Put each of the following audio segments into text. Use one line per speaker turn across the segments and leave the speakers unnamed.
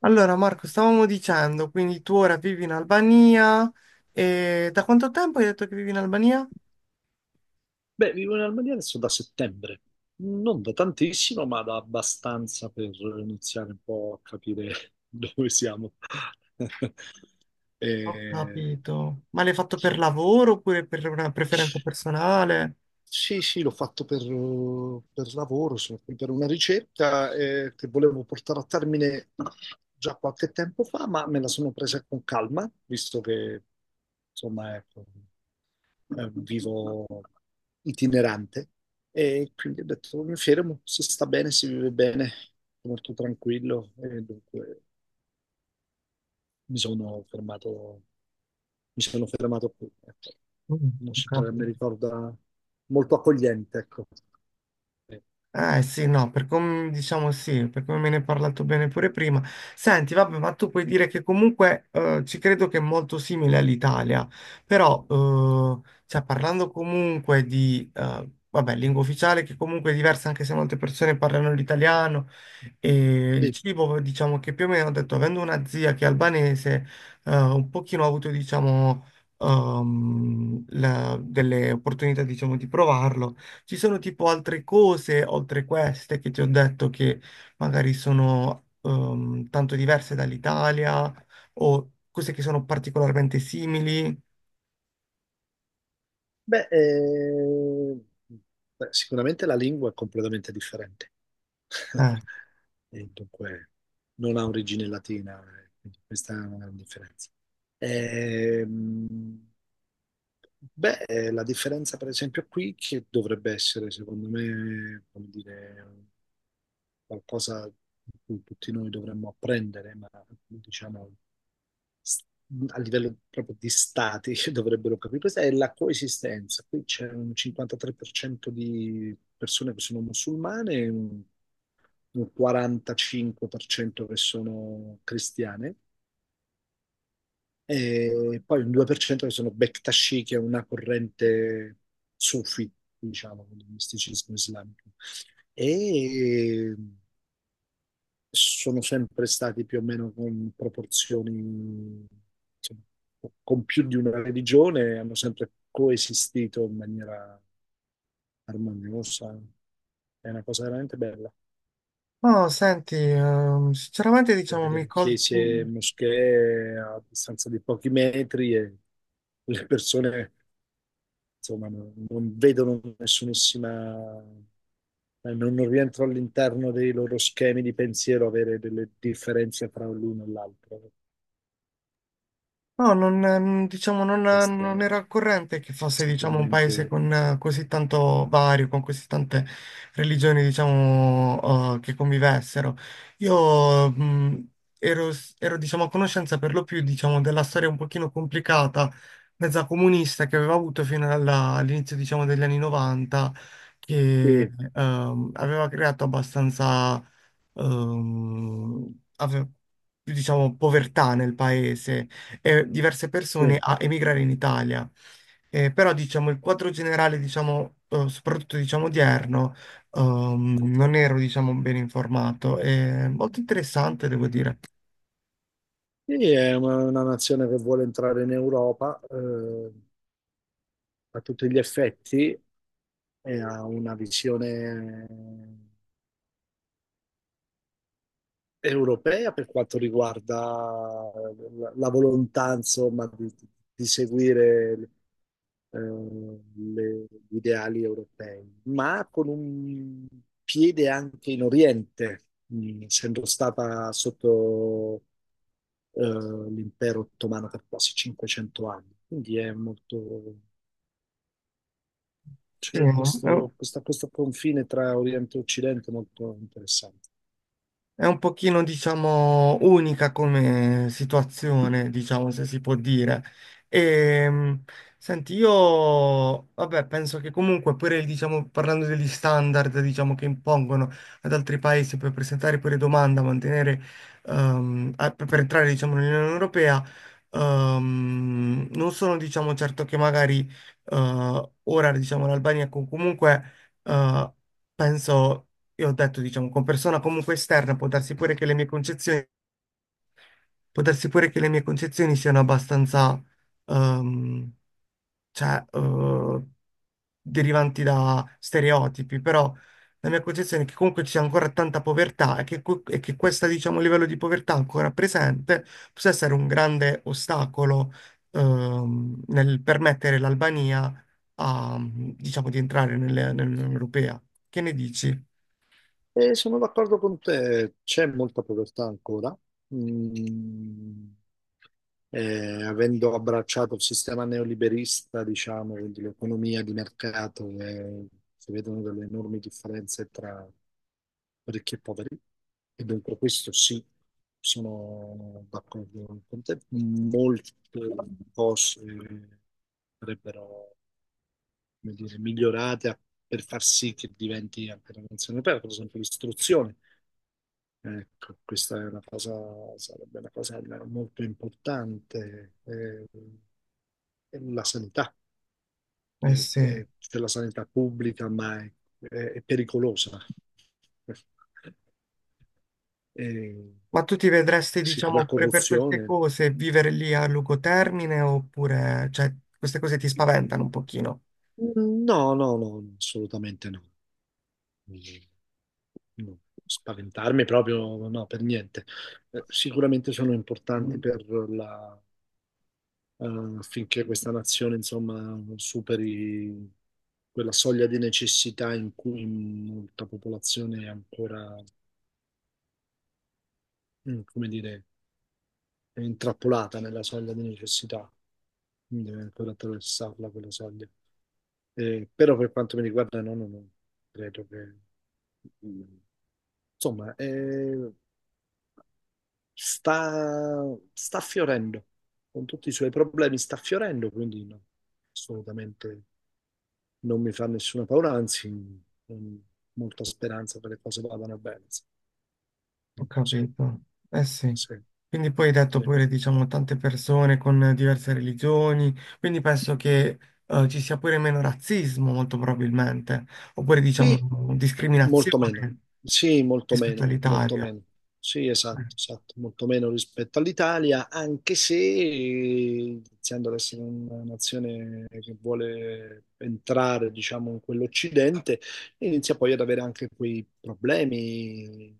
Allora, Marco, stavamo dicendo, quindi tu ora vivi in Albania e da quanto tempo hai detto che vivi in Albania?
Beh, vivo in Albania adesso da settembre, non da tantissimo, ma da abbastanza per iniziare un po' a capire dove siamo.
Ho
Eh,
capito. Ma l'hai fatto per lavoro oppure per una preferenza personale?
sì, sì, l'ho fatto per lavoro, sono qui per una ricerca che volevo portare a termine già qualche tempo fa, ma me la sono presa con calma, visto che, insomma, ecco. Vivo itinerante e quindi ho detto mi fermo, si sta bene, si vive bene, molto tranquillo e dunque mi sono fermato, mi sono fermato qui. Ecco.
Mm,
Una
ho
città che mi
capito.
ricorda molto accogliente, ecco. Eh,
Eh sì, no, per come diciamo sì, per come me ne hai parlato bene pure prima. Senti, vabbè, ma tu puoi dire che comunque ci credo che è molto simile all'Italia, però cioè, parlando comunque di, vabbè, lingua ufficiale che comunque è diversa anche se molte persone parlano l'italiano e il
sì.
cibo, diciamo che più o meno ho detto, avendo una zia che è albanese, un pochino ho avuto, diciamo, delle opportunità, diciamo, di provarlo. Ci sono tipo altre cose, oltre queste, che ti ho detto che magari sono tanto diverse dall'Italia o cose che sono particolarmente simili.
Beh, eh, Beh, sicuramente la lingua è completamente differente.
Eh.
E dunque non ha origine latina, quindi questa è una grande differenza. Ehm, Beh, la differenza per esempio qui, che dovrebbe essere secondo me, come dire, qualcosa di cui tutti noi dovremmo apprendere, ma diciamo s- a livello proprio di stati che dovrebbero capire, questa è la coesistenza. Qui c'è un 53% di persone che sono musulmane e un 45% che sono cristiane e poi un 2% che sono Bektashi, che è una corrente sufi, diciamo, del misticismo islamico. E sono sempre stati più o meno con proporzioni, insomma, con più di una religione, hanno sempre coesistito in maniera armoniosa. È una cosa veramente bella.
No, senti, sinceramente
Puoi
diciamo mi
vedere chiese e
colti...
moschee a distanza di pochi metri e le persone, insomma, non vedono nessunissima, non rientro all'interno dei loro schemi di pensiero avere delle differenze fra l'uno e l'altro.
No, non diciamo, non,
Questo
non
è
era al corrente che fosse, diciamo, un paese
sicuramente...
con così tanto vario, con così tante religioni, diciamo, che convivessero. Io, ero, ero, diciamo, a conoscenza per lo più, diciamo, della storia un pochino complicata, mezza comunista, che aveva avuto fino all'inizio, diciamo, degli anni 90, che,
Sì,
aveva creato abbastanza, ehm, ave- diciamo, povertà nel paese diverse persone
sì.
a emigrare in Italia. Però diciamo il quadro generale, diciamo, soprattutto diciamo odierno, non ero diciamo ben informato. È molto interessante, devo dire.
Sì, è una nazione che vuole entrare in Europa, a tutti gli effetti e ha una visione europea per quanto riguarda la, la volontà, insomma, di seguire gli ideali europei, ma con un piede anche in Oriente, essendo stata sotto eh, l'impero ottomano per quasi 500 anni. Quindi è molto,
Sì,
c'è questo, questo confine tra Oriente e Occidente molto interessante.
è un pochino, diciamo, unica come situazione, diciamo, se si può dire. E, senti, io, vabbè, penso che comunque pure, diciamo, parlando degli standard, diciamo, che impongono ad altri paesi per presentare pure domanda, mantenere, per entrare, diciamo, nell'Unione Europea, non sono, diciamo, certo che magari, ora, diciamo, l'Albania comunque, eh, penso io ho detto, diciamo, con persona comunque esterna, può darsi pure che le mie concezioni, può darsi pure che le mie concezioni siano abbastanza, ehm, cioè, derivanti da stereotipi, però la mia concezione è che comunque c'è ancora tanta povertà e che, e che questo, diciamo, livello di povertà ancora presente possa essere un grande ostacolo, nel permettere l'Albania a, diciamo, di entrare nell'Unione Europea. Che ne dici?
E sono d'accordo con te, c'è molta povertà ancora. Mm, avendo abbracciato il sistema neoliberista, diciamo, quindi l'economia di mercato, si vedono delle enormi differenze tra ricchi e poveri, e dunque questo sì, sono d'accordo con te. Molte cose sarebbero, come dire, migliorate per far sì che diventi anche una nazione aperta, per esempio l'istruzione. Ecco, questa è una cosa, sarebbe una cosa molto importante. La sanità,
Eh sì.
c'è la sanità pubblica, ma è, è pericolosa. Eh,
Ma tu ti vedresti,
sì, la
diciamo, pure per queste
corruzione?
cose, vivere lì a lungo termine oppure, cioè, queste cose ti spaventano un pochino?
No, no, no, assolutamente no. No. Spaventarmi proprio, no, per niente. Sicuramente sono importanti per la affinché questa nazione, insomma, superi quella soglia di necessità in cui molta popolazione è ancora, mm, come dire, è intrappolata nella soglia di necessità, quindi deve ancora attraversarla quella soglia. Però per quanto mi riguarda, no, no, no, credo che, mm, insomma, sta, sta fiorendo, con tutti i suoi problemi sta fiorendo, quindi no, assolutamente non mi fa nessuna paura, anzi, con molta speranza che le cose vadano bene.
Ho
Sì, sì,
capito. Eh sì.
sì.
Quindi poi hai detto pure, diciamo, tante persone con diverse religioni, quindi penso che ci sia pure meno razzismo, molto probabilmente, oppure,
E
diciamo,
molto meno,
discriminazione
sì, molto
rispetto
meno, molto
all'Italia.
meno. Sì, esatto, esatto, molto meno rispetto all'Italia, anche se iniziando ad essere una nazione che vuole entrare, diciamo, in quell'Occidente, inizia poi ad avere anche quei problemi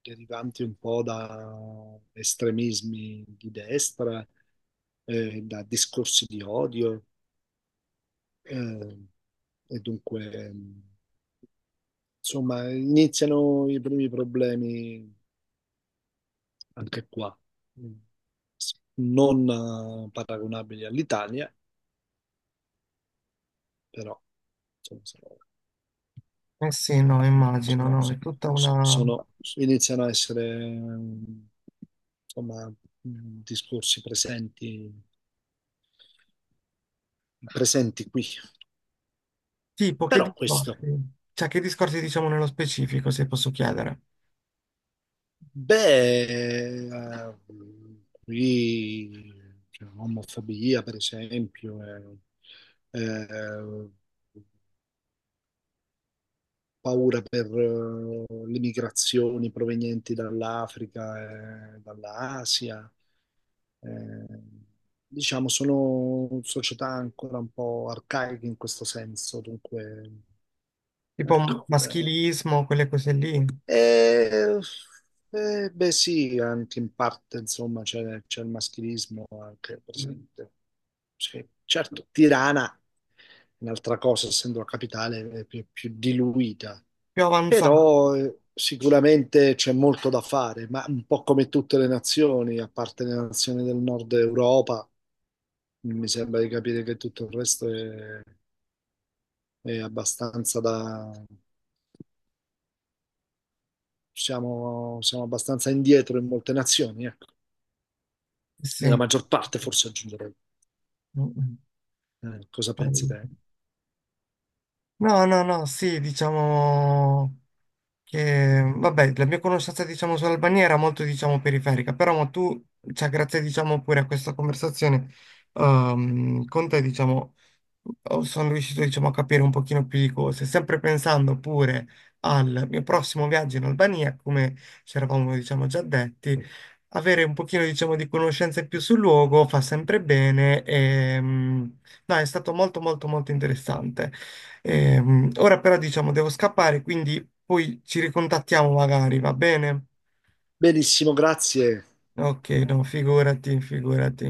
derivanti un po' da estremismi di destra, da discorsi di odio, eh, e dunque... Insomma, iniziano i primi problemi anche qua, non paragonabili all'Italia, però insomma, sono,
Eh sì, no,
sono-
immagino,
sono-
no, è tutta una...
sono, iniziano a essere mm, insomma, mm, discorsi presenti, presenti qui.
Tipo, che
Però questo,
discorsi? Cioè, che discorsi diciamo nello specifico, se posso chiedere?
beh, eh, qui c'è omofobia, per esempio, eh, eh, paura per le migrazioni provenienti dall'Africa e dall'Asia. Eh, diciamo, sono società ancora un po' arcaiche in questo senso, dunque,
Tipo
ecco. Eh.
maschilismo, quelle cose lì,
E, beh, sì, anche in parte, insomma, c'è il maschilismo anche presente. Sì, certo, Tirana, è un'altra cosa, essendo la capitale, è più diluita.
più avanzate.
Però sicuramente c'è molto da fare, ma un po' come tutte le nazioni, a parte le nazioni del nord Europa, mi sembra di capire che tutto il resto è abbastanza da... Siamo, siamo abbastanza indietro in molte nazioni, ecco.
Sì.
Nella maggior parte,
Mm,
forse aggiungerei.
mm.
Cosa pensi te?
No, no, no, sì, diciamo... Che, vabbè, la mia conoscenza, diciamo, sull'Albania era molto, diciamo, periferica, però ma tu, cioè, grazie, diciamo, pure a questa conversazione, con te, diciamo, oh, sono riuscito, diciamo, a capire un pochino più di cose, sempre pensando pure al mio prossimo viaggio in Albania, come ci eravamo, diciamo, già detti, avere un pochino, diciamo, di conoscenze più sul luogo fa sempre bene e, mm, no, è stato molto, molto, molto interessante. Ora però, diciamo, devo scappare, quindi... Poi ci ricontattiamo magari, va bene?
Benissimo, grazie.
Ok, no, figurati, figurati.